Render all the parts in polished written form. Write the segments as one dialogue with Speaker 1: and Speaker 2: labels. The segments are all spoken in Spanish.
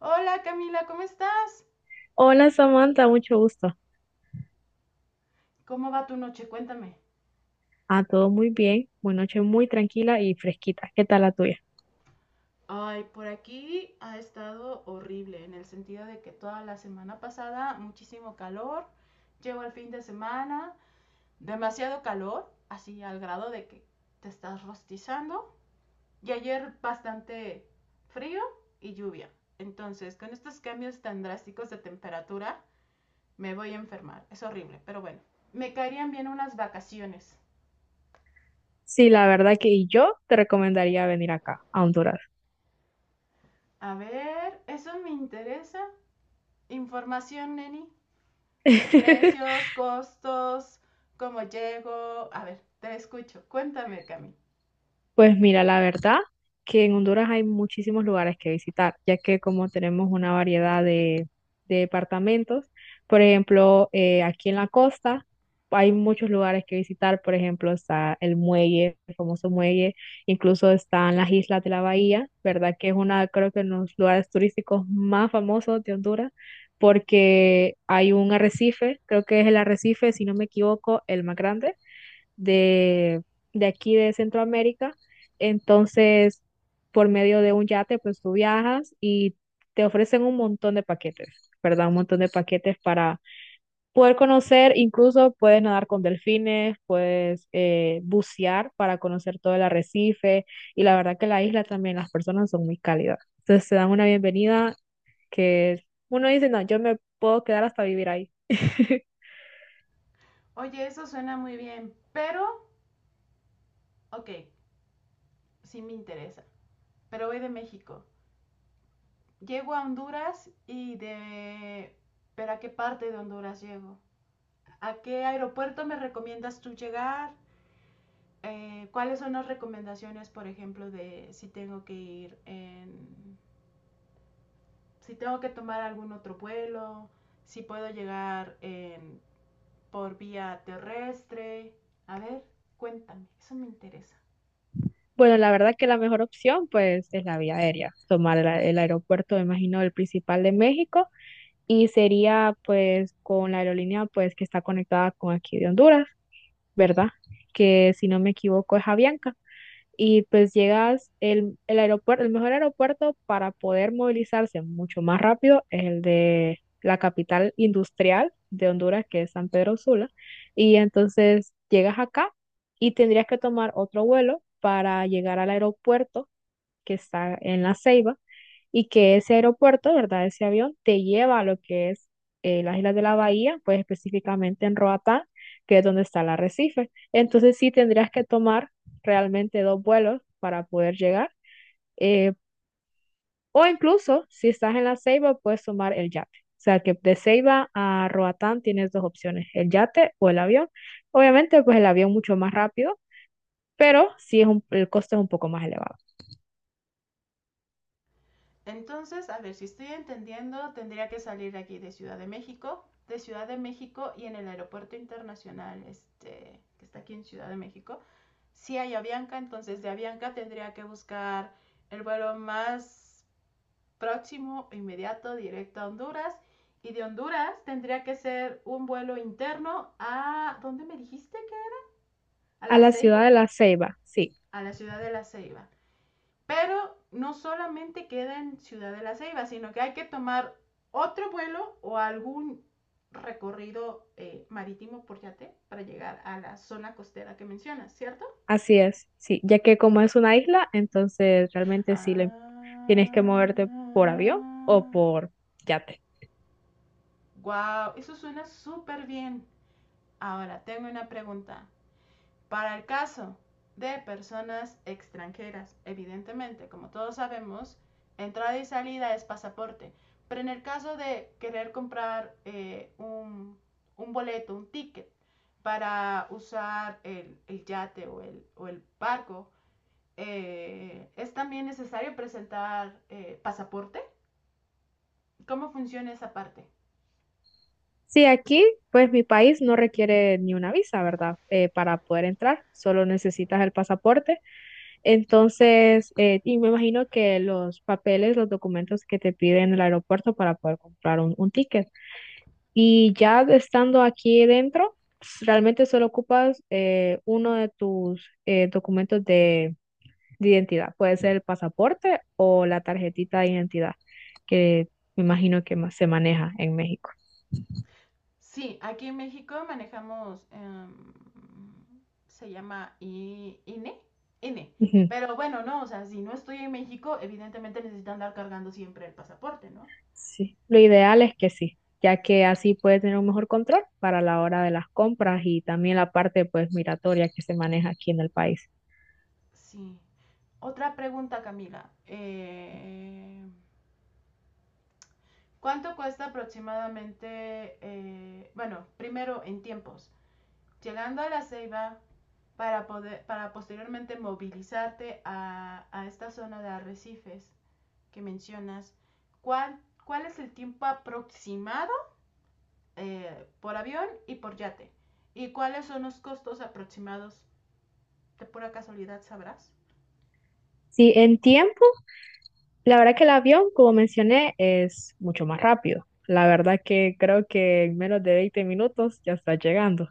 Speaker 1: Hola Camila, ¿cómo estás?
Speaker 2: Hola Samantha, mucho gusto.
Speaker 1: ¿Cómo va tu noche? Cuéntame.
Speaker 2: Ah, todo muy bien. Una noche muy tranquila y fresquita. ¿Qué tal la tuya?
Speaker 1: Ay, por aquí ha estado horrible, en el sentido de que toda la semana pasada muchísimo calor, llegó el fin de semana, demasiado calor, así al grado de que te estás rostizando, y ayer bastante frío y lluvia. Entonces, con estos cambios tan drásticos de temperatura, me voy a enfermar. Es horrible, pero bueno, me caerían bien unas vacaciones.
Speaker 2: Sí, la verdad que yo te recomendaría venir acá, a Honduras.
Speaker 1: A ver, eso me interesa. Información, Neni. Precios, costos, cómo llego. A ver, te escucho. Cuéntame, Cami.
Speaker 2: Pues mira, la verdad que en Honduras hay muchísimos lugares que visitar, ya que como tenemos una variedad de departamentos. Por ejemplo, aquí en la costa hay muchos lugares que visitar. Por ejemplo, está el muelle, el famoso muelle. Incluso están las Islas de la Bahía, ¿verdad? Que es una, creo que uno de los lugares turísticos más famosos de Honduras, porque hay un arrecife, creo que es el arrecife, si no me equivoco, el más grande de, de aquí de Centroamérica. Entonces, por medio de un yate, pues tú viajas y te ofrecen un montón de paquetes, ¿verdad? Un montón de paquetes para poder conocer. Incluso puedes nadar con delfines, puedes bucear para conocer todo el arrecife. Y la verdad que la isla también, las personas son muy cálidas. Entonces, te dan una bienvenida que uno dice, no, yo me puedo quedar hasta vivir ahí.
Speaker 1: Oye, eso suena muy bien, pero, ok, sí me interesa. Pero voy de México. Llego a Honduras y de... ¿Pero a qué parte de Honduras llego? ¿A qué aeropuerto me recomiendas tú llegar? ¿Cuáles son las recomendaciones, por ejemplo, de si tengo que ir en... si tengo que tomar algún otro vuelo? Si puedo llegar en por vía terrestre. A ver, cuéntame, eso me interesa.
Speaker 2: Bueno, la verdad que la mejor opción pues es la vía aérea, tomar el aeropuerto, me imagino, el principal de México, y sería pues con la aerolínea pues que está conectada con aquí de Honduras, ¿verdad? Que si no me equivoco es Avianca. Y pues llegas, el aeropuerto, el mejor aeropuerto para poder movilizarse mucho más rápido es el de la capital industrial de Honduras, que es San Pedro Sula. Y entonces llegas acá y tendrías que tomar otro vuelo para llegar al aeropuerto que está en La Ceiba, y que ese aeropuerto, ¿verdad? Ese avión te lleva a lo que es las Islas de la Bahía, pues específicamente en Roatán, que es donde está el arrecife. Entonces sí tendrías que tomar realmente dos vuelos para poder llegar, eh, o incluso si estás en la Ceiba, puedes tomar el yate. O sea que de Ceiba a Roatán tienes dos opciones, el yate o el avión. Obviamente, pues el avión mucho más rápido, pero sí es el costo es un poco más elevado.
Speaker 1: Entonces, a ver, si estoy entendiendo, tendría que salir aquí de Ciudad de México, y en el aeropuerto internacional, este, que está aquí en Ciudad de México, si hay Avianca, entonces de Avianca tendría que buscar el vuelo más próximo, inmediato, directo a Honduras. Y de Honduras tendría que ser un vuelo interno ¿dónde me dijiste que? A
Speaker 2: A
Speaker 1: La
Speaker 2: la
Speaker 1: Ceiba,
Speaker 2: ciudad de La Ceiba, sí.
Speaker 1: a la ciudad de La Ceiba. Pero no solamente queda en Ciudad de la Ceiba, sino que hay que tomar otro vuelo o algún recorrido marítimo por yate para llegar a la zona costera que mencionas, ¿cierto?
Speaker 2: Así es, sí, ya que como es una isla, entonces realmente tienes
Speaker 1: Ah,
Speaker 2: que moverte por avión o por yate.
Speaker 1: wow, eso suena súper bien. Ahora tengo una pregunta. Para el caso de personas extranjeras, evidentemente, como todos sabemos, entrada y salida es pasaporte. Pero en el caso de querer comprar un boleto, un ticket para usar el yate o el barco, ¿es también necesario presentar pasaporte? ¿Cómo funciona esa parte?
Speaker 2: Sí, aquí, pues mi país no requiere ni una visa, ¿verdad? Para poder entrar, solo necesitas el pasaporte. Entonces, y me imagino que los papeles, los documentos que te piden en el aeropuerto para poder comprar un ticket. Y ya estando aquí dentro, pues, realmente solo ocupas uno de tus documentos de identidad. Puede ser el pasaporte o la tarjetita de identidad, que me imagino que más se maneja en México.
Speaker 1: Sí, aquí en México manejamos, se llama INE, INE.
Speaker 2: Ujú.
Speaker 1: Pero bueno, no, o sea, si no estoy en México, evidentemente necesito andar cargando siempre el pasaporte, ¿no?
Speaker 2: Sí, lo ideal es que sí, ya que así puede tener un mejor control para la hora de las compras y también la parte pues migratoria que se maneja aquí en el país.
Speaker 1: Sí. Otra pregunta, Camila. ¿Cuánto cuesta aproximadamente, bueno, primero en tiempos, llegando a La Ceiba para poder, para posteriormente movilizarte a esta zona de arrecifes que mencionas, ¿cuál, ¿cuál es el tiempo aproximado por avión y por yate? ¿Y cuáles son los costos aproximados? De pura casualidad sabrás.
Speaker 2: Sí, en tiempo la verdad que el avión, como mencioné, es mucho más rápido. La verdad que creo que en menos de 20 minutos ya está llegando.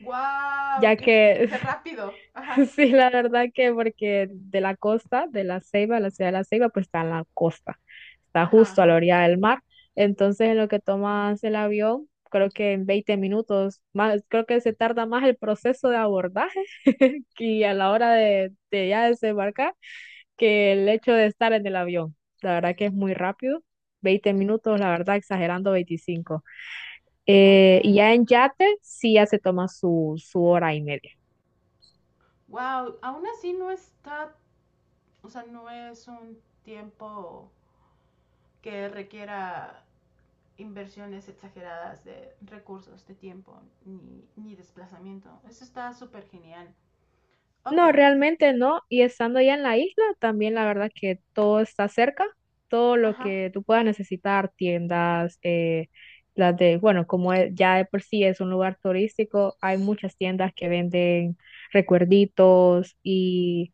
Speaker 1: ¡Wow!
Speaker 2: Ya que,
Speaker 1: ¡Qué rápido! Ajá,
Speaker 2: sí, la verdad que porque de la costa, de La Ceiba, la ciudad de La Ceiba, pues está en la costa. Está
Speaker 1: ajá,
Speaker 2: justo a la
Speaker 1: ajá.
Speaker 2: orilla del mar. Entonces, en lo que tomas el avión, creo que en 20 minutos, más, creo que se tarda más el proceso de abordaje que a la hora de ya desembarcar que el hecho de estar en el avión. La verdad que es muy rápido, 20 minutos, la verdad, exagerando 25.
Speaker 1: Ok.
Speaker 2: Y ya en yate sí ya se toma su, su hora y media.
Speaker 1: ¡Wow! Aún así no está, o sea, no es un tiempo que requiera inversiones exageradas de recursos, de tiempo, ni desplazamiento. Eso está súper genial. Ok,
Speaker 2: No, realmente no. Y estando ya en la isla, también la verdad que todo está cerca, todo lo
Speaker 1: ajá.
Speaker 2: que tú puedas necesitar, tiendas, ya de por sí es un lugar turístico, hay muchas tiendas que venden recuerditos. Y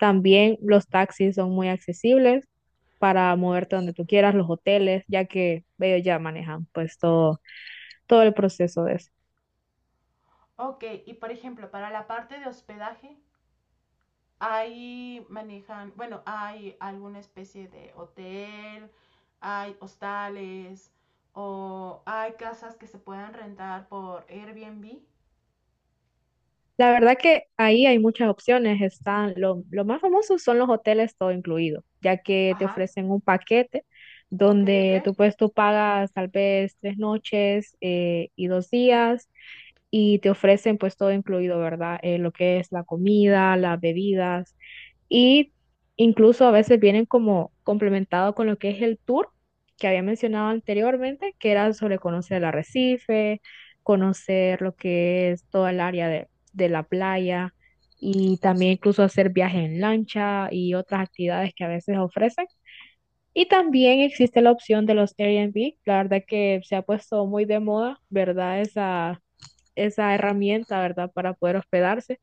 Speaker 2: también los taxis son muy accesibles para moverte donde tú quieras, los hoteles, ya que ellos ya manejan pues todo, todo el proceso de eso.
Speaker 1: Ok, y por ejemplo, para la parte de hospedaje, ahí manejan, bueno, hay alguna especie de hotel, hay hostales o hay casas que se puedan rentar por Airbnb.
Speaker 2: La verdad que ahí hay muchas opciones. Están lo más famoso son los hoteles todo incluido, ya que te
Speaker 1: Ajá,
Speaker 2: ofrecen un paquete
Speaker 1: ok, ok.
Speaker 2: donde tú pues tú pagas tal vez 3 noches y 2 días, y te ofrecen pues todo incluido, ¿verdad? Lo que es la comida, las bebidas. Y incluso a veces vienen como complementado con lo que es el tour que había mencionado anteriormente, que era sobre conocer el arrecife, conocer lo que es toda el área de la playa, y también incluso hacer viajes en lancha y otras actividades que a veces ofrecen. Y también existe la opción de los Airbnb. La verdad que se ha puesto muy de moda, ¿verdad? Esa herramienta, ¿verdad? Para poder hospedarse.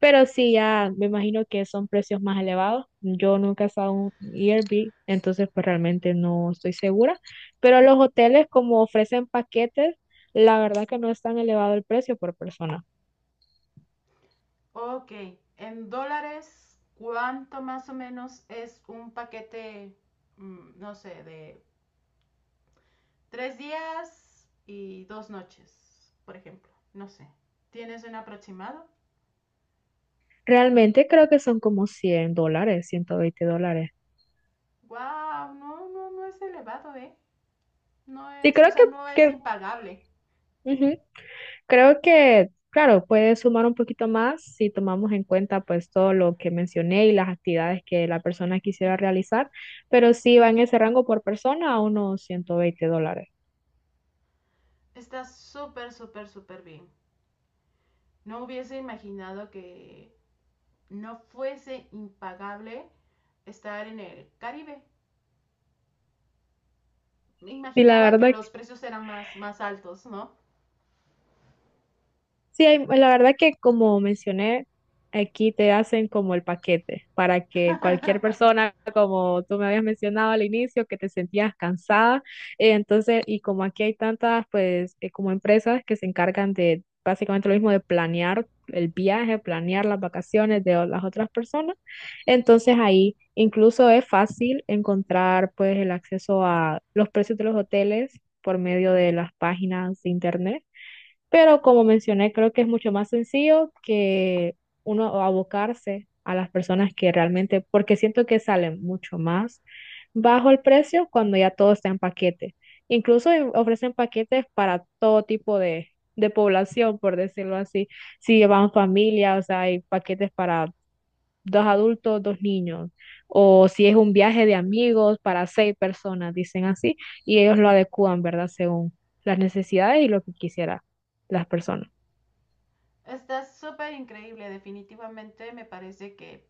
Speaker 2: Pero sí, ya me imagino que son precios más elevados. Yo nunca he estado en un Airbnb, entonces pues realmente no estoy segura. Pero los hoteles, como ofrecen paquetes, la verdad que no es tan elevado el precio por persona.
Speaker 1: Ok, en dólares, ¿cuánto más o menos es un paquete, no sé, de 3 días y 2 noches, por ejemplo? No sé. ¿Tienes un aproximado?
Speaker 2: Realmente creo que son como 100 dólares, 120 dólares.
Speaker 1: Wow, no, no, no es elevado, ¿eh? No
Speaker 2: Sí,
Speaker 1: es,
Speaker 2: creo
Speaker 1: o
Speaker 2: que,
Speaker 1: sea, no es
Speaker 2: que
Speaker 1: impagable.
Speaker 2: ujú. Creo que, claro, puede sumar un poquito más si tomamos en cuenta pues todo lo que mencioné y las actividades que la persona quisiera realizar, pero sí va en ese rango por persona a unos 120 dólares.
Speaker 1: Está súper, súper, súper bien. No hubiese imaginado que no fuese impagable estar en el Caribe. Me
Speaker 2: Y la
Speaker 1: imaginaba
Speaker 2: verdad
Speaker 1: que los precios eran más, más altos, ¿no?
Speaker 2: Sí, la verdad que como mencioné, aquí te hacen como el paquete para que cualquier persona, como tú me habías mencionado al inicio, que te sentías cansada, entonces, y como aquí hay tantas, pues, como empresas que se encargan de básicamente lo mismo de planear el viaje, planear las vacaciones las otras personas. Entonces ahí incluso es fácil encontrar, pues, el acceso a los precios de los hoteles por medio de las páginas de internet. Pero como mencioné, creo que es mucho más sencillo que uno abocarse a las personas que realmente, porque siento que salen mucho más bajo el precio cuando ya todo está en paquete. Incluso ofrecen paquetes para todo tipo de población, por decirlo así. Si van familia, o sea, hay paquetes para dos adultos, dos niños. O si es un viaje de amigos para seis personas, dicen así, y ellos lo adecúan, ¿verdad? Según las necesidades y lo que quisiera las personas.
Speaker 1: Está súper increíble, definitivamente me parece que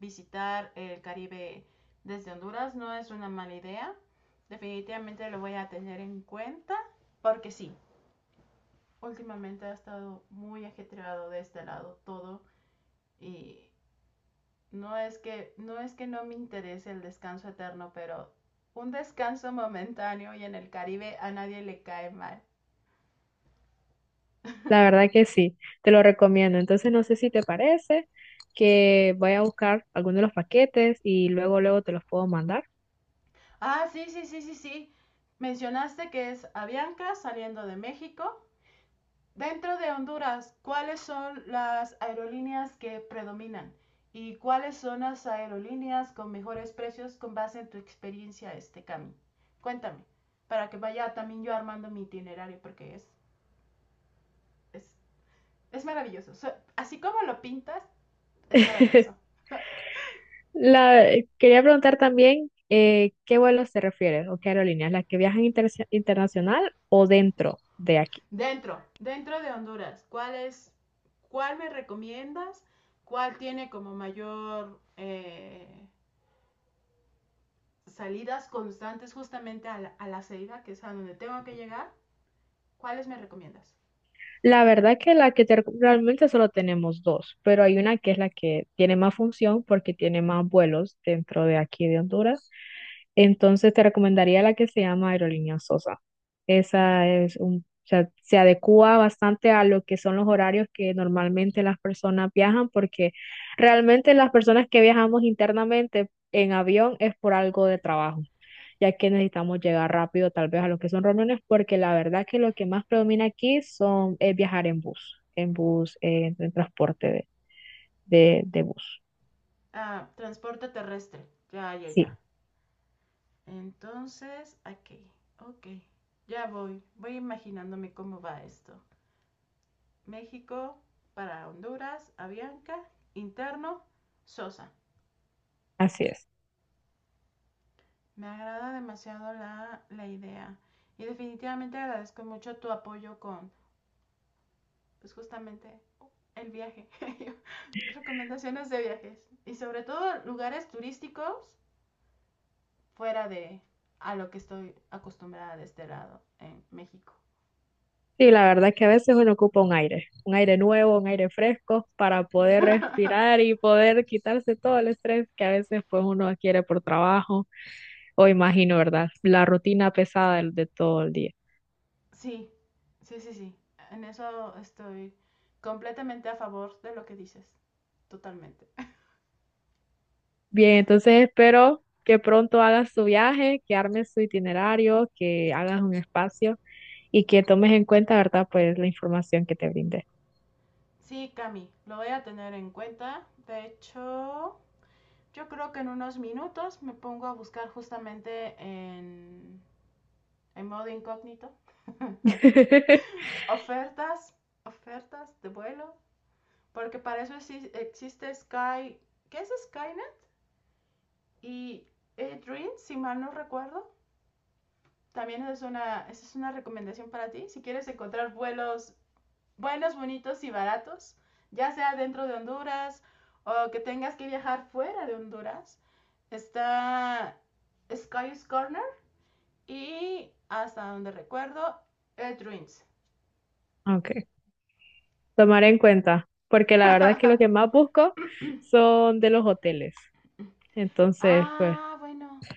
Speaker 1: visitar el Caribe desde Honduras no es una mala idea. Definitivamente lo voy a tener en cuenta porque sí, últimamente ha estado muy ajetreado de este lado todo y no es que no me interese el descanso eterno, pero un descanso momentáneo y en el Caribe a nadie le cae mal.
Speaker 2: La verdad que sí, te lo recomiendo. Entonces, no sé si te parece que voy a buscar alguno de los paquetes y luego, luego te los puedo mandar.
Speaker 1: Ah, sí, sí, sí, sí, sí. Mencionaste que es Avianca saliendo de México. Dentro de Honduras, ¿cuáles son las aerolíneas que predominan? ¿Y cuáles son las aerolíneas con mejores precios con base en tu experiencia, Cami? Cuéntame, para que vaya también yo armando mi itinerario, porque es, es maravilloso. Así como lo pintas, es maravilloso.
Speaker 2: La, quería preguntar también qué vuelos te refieres o qué aerolíneas, las que viajan internacional o dentro de aquí.
Speaker 1: Dentro de Honduras, ¿cuál me recomiendas? ¿Cuál tiene como mayor salidas constantes justamente a la Ceiba, que es a donde tengo que llegar? ¿Cuáles me recomiendas?
Speaker 2: La verdad que la que te realmente solo tenemos dos, pero hay una que es la que tiene más función porque tiene más vuelos dentro de aquí de Honduras. Entonces te recomendaría la que se llama Aerolínea Sosa. Esa es un, o sea, se adecua bastante a lo que son los horarios que normalmente las personas viajan, porque realmente las personas que viajamos internamente en avión es por algo de trabajo, ya que necesitamos llegar rápido tal vez a lo que son reuniones. Porque la verdad que lo que más predomina aquí son, es viajar en bus, en bus, en transporte de bus.
Speaker 1: Ah, transporte terrestre. Ya, ya, ya.
Speaker 2: Sí,
Speaker 1: Entonces, aquí. Ok. Ya voy. Voy imaginándome cómo va esto. México para Honduras, Avianca, interno, Sosa.
Speaker 2: así es.
Speaker 1: Me agrada demasiado la idea. Y definitivamente agradezco mucho tu apoyo con, pues justamente el viaje. Recomendaciones de viajes y sobre todo lugares turísticos fuera de a lo que estoy acostumbrada de este lado en México.
Speaker 2: Sí, la verdad que a veces uno ocupa un aire nuevo, un aire fresco para poder respirar y poder quitarse todo el estrés que a veces pues uno adquiere por trabajo o imagino, ¿verdad? La rutina pesada de todo el día.
Speaker 1: Sí, sí, sí, sí. En eso estoy completamente a favor de lo que dices, totalmente.
Speaker 2: Bien, entonces espero que pronto hagas tu viaje, que armes tu itinerario, que hagas un espacio y que tomes en cuenta, ¿verdad? Pues la información que te brindé.
Speaker 1: Sí, Cami, lo voy a tener en cuenta. De hecho, yo creo que en unos minutos me pongo a buscar justamente en modo incógnito ofertas, ofertas de vuelo, porque para eso existe Sky, ¿qué es Skynet? Y Dream, si mal no recuerdo, también es esa es una recomendación para ti, si quieres encontrar vuelos buenos, bonitos y baratos, ya sea dentro de Honduras o que tengas que viajar fuera de Honduras, está Sky's Corner y hasta donde recuerdo, Dreams.
Speaker 2: Ok, tomaré en cuenta, porque la verdad es que lo que más busco son de los hoteles. Entonces, pues,
Speaker 1: ah, bueno,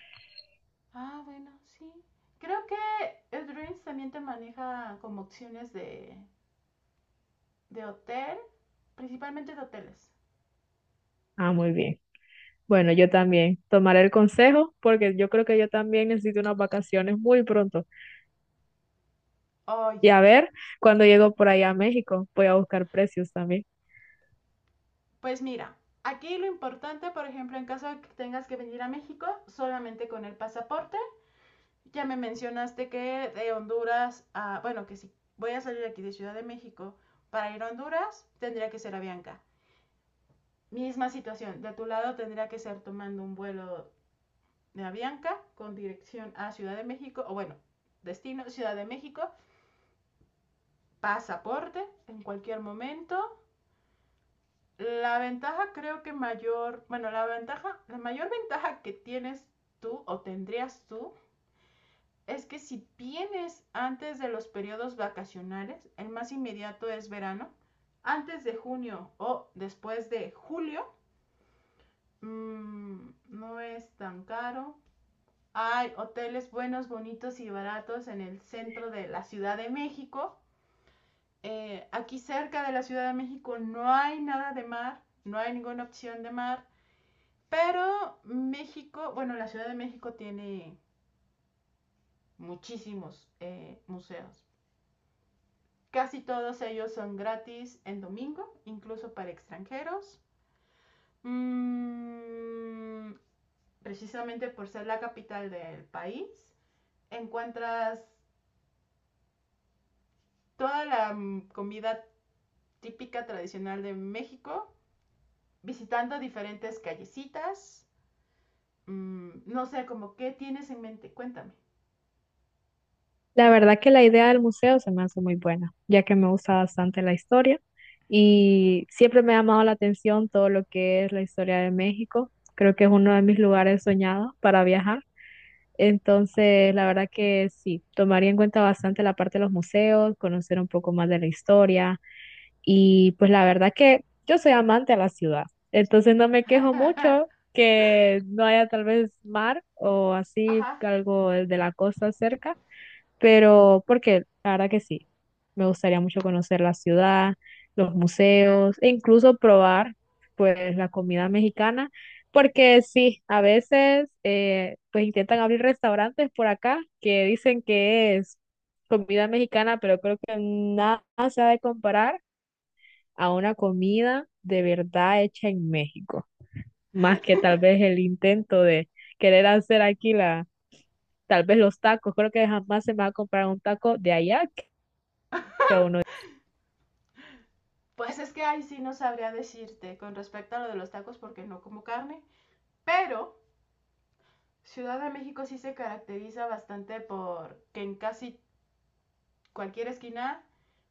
Speaker 1: Ah, bueno, sí. Creo que el Dreams también te maneja como opciones de hotel, principalmente de hoteles.
Speaker 2: ah, muy bien. Bueno, yo también tomaré el consejo porque yo creo que yo también necesito unas vacaciones muy pronto.
Speaker 1: Oh,
Speaker 2: Y
Speaker 1: ya.
Speaker 2: a ver, cuando llego por allá a México, voy a buscar precios también.
Speaker 1: Pues mira, aquí lo importante, por ejemplo, en caso de que tengas que venir a México, solamente con el pasaporte. Ya me mencionaste que de Honduras a, bueno, que si voy a salir aquí de Ciudad de México para ir a Honduras, tendría que ser Avianca. Misma situación, de tu lado tendría que ser tomando un vuelo de Avianca con dirección a Ciudad de México, o bueno, destino Ciudad de México, pasaporte en cualquier momento. La ventaja creo que mayor, bueno, la ventaja, la mayor ventaja que tienes tú o tendrías tú es que si vienes antes de los periodos vacacionales, el más inmediato es verano, antes de junio o después de julio, no es tan caro. Hay hoteles buenos, bonitos y baratos en el centro de la Ciudad de México. Aquí cerca de la Ciudad de México no hay nada de mar, no hay ninguna opción de mar, pero México, bueno, la Ciudad de México tiene muchísimos museos. Casi todos ellos son gratis en domingo, incluso para extranjeros. Mm, Precisamente por ser la capital del país, encuentras toda la comida típica tradicional de México, visitando diferentes callecitas. No sé, como qué tienes en mente, cuéntame.
Speaker 2: La verdad que la idea del museo se me hace muy buena, ya que me gusta bastante la historia y siempre me ha llamado la atención todo lo que es la historia de México. Creo que es uno de mis lugares soñados para viajar. Entonces, la verdad que sí, tomaría en cuenta bastante la parte de los museos, conocer un poco más de la historia. Y pues la verdad que yo soy amante a la ciudad. Entonces, no me quejo mucho que no haya tal vez mar o así
Speaker 1: Ajá.
Speaker 2: algo de la costa cerca, pero porque la verdad que sí, me gustaría mucho conocer la ciudad, los museos, e incluso probar pues la comida mexicana. Porque sí, a veces pues intentan abrir restaurantes por acá que dicen que es comida mexicana, pero creo que nada se ha de comparar a una comida de verdad hecha en México, más que tal vez el intento de querer hacer aquí la, tal vez los tacos. Creo que jamás se me va a comprar un taco de allá.
Speaker 1: Pues es que ahí sí no sabría decirte con respecto a lo de los tacos porque no como carne, pero Ciudad de México sí se caracteriza bastante por que en casi cualquier esquina,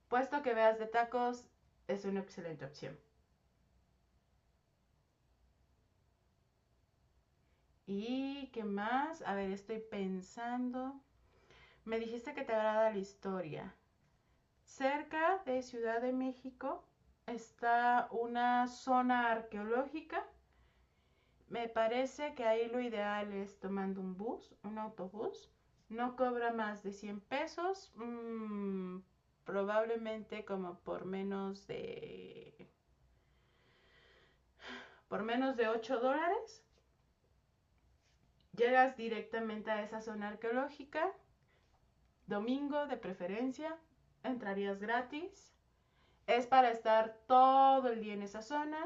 Speaker 1: puesto que veas de tacos, es una excelente opción. ¿Y qué más? A ver, estoy pensando. Me dijiste que te agrada la historia. Cerca de Ciudad de México está una zona arqueológica. Me parece que ahí lo ideal es tomando un bus, un autobús. No cobra más de 100 pesos, probablemente como por menos de $8. Llegas directamente a esa zona arqueológica, domingo de preferencia, entrarías gratis. Es para estar todo el día en esa zona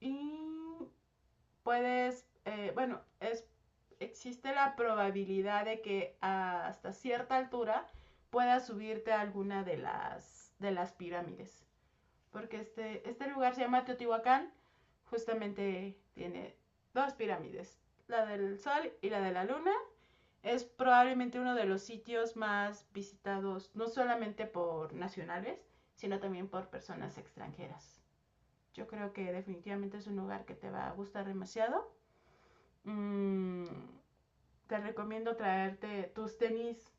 Speaker 1: y puedes, existe la probabilidad de que hasta cierta altura puedas subirte a alguna de las pirámides. Porque este lugar se llama Teotihuacán, justamente tiene dos pirámides, la del Sol y la de la Luna. Es probablemente uno de los sitios más visitados, no solamente por nacionales, sino también por personas extranjeras. Yo creo que definitivamente es un lugar que te va a gustar demasiado. mm, Te recomiendo traerte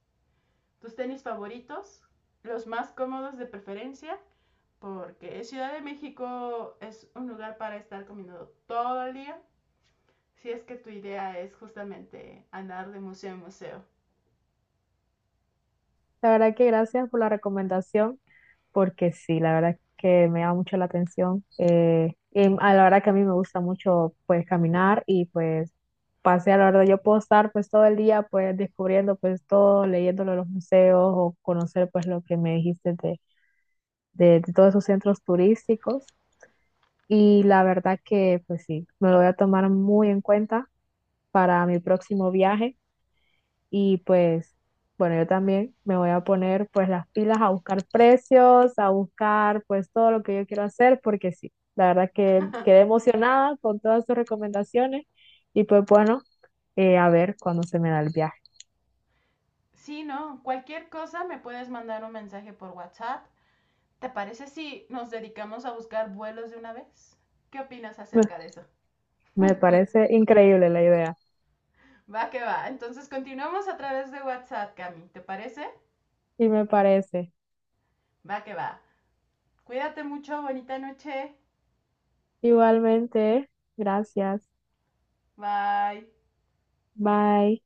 Speaker 1: tus tenis favoritos, los más cómodos de preferencia, porque Ciudad de México es un lugar para estar caminando todo el día, si es que tu idea es justamente andar de museo en museo.
Speaker 2: La verdad que gracias por la recomendación, porque sí, la verdad que me llama mucho la atención. Y a la verdad que a mí me gusta mucho pues caminar y pues pasear. La verdad yo puedo estar pues todo el día pues descubriendo pues todo, leyéndolo en los museos, o conocer pues lo que me dijiste de todos esos centros turísticos. Y la verdad que pues sí, me lo voy a tomar muy en cuenta para mi próximo viaje. Y pues, bueno, yo también me voy a poner pues las pilas a buscar precios, a buscar pues todo lo que yo quiero hacer, porque sí, la verdad que quedé emocionada con todas sus recomendaciones. Y pues bueno, a ver cuándo se me da el viaje.
Speaker 1: Sí, no, cualquier cosa me puedes mandar un mensaje por WhatsApp. ¿Te parece si nos dedicamos a buscar vuelos de una vez? ¿Qué opinas
Speaker 2: Me,
Speaker 1: acerca de eso?
Speaker 2: me parece increíble la idea,
Speaker 1: Va que va. Entonces continuamos a través de WhatsApp, Cami. ¿Te parece?
Speaker 2: y me parece.
Speaker 1: Va que va. Cuídate mucho, bonita noche.
Speaker 2: Igualmente, gracias.
Speaker 1: Bye.
Speaker 2: Bye.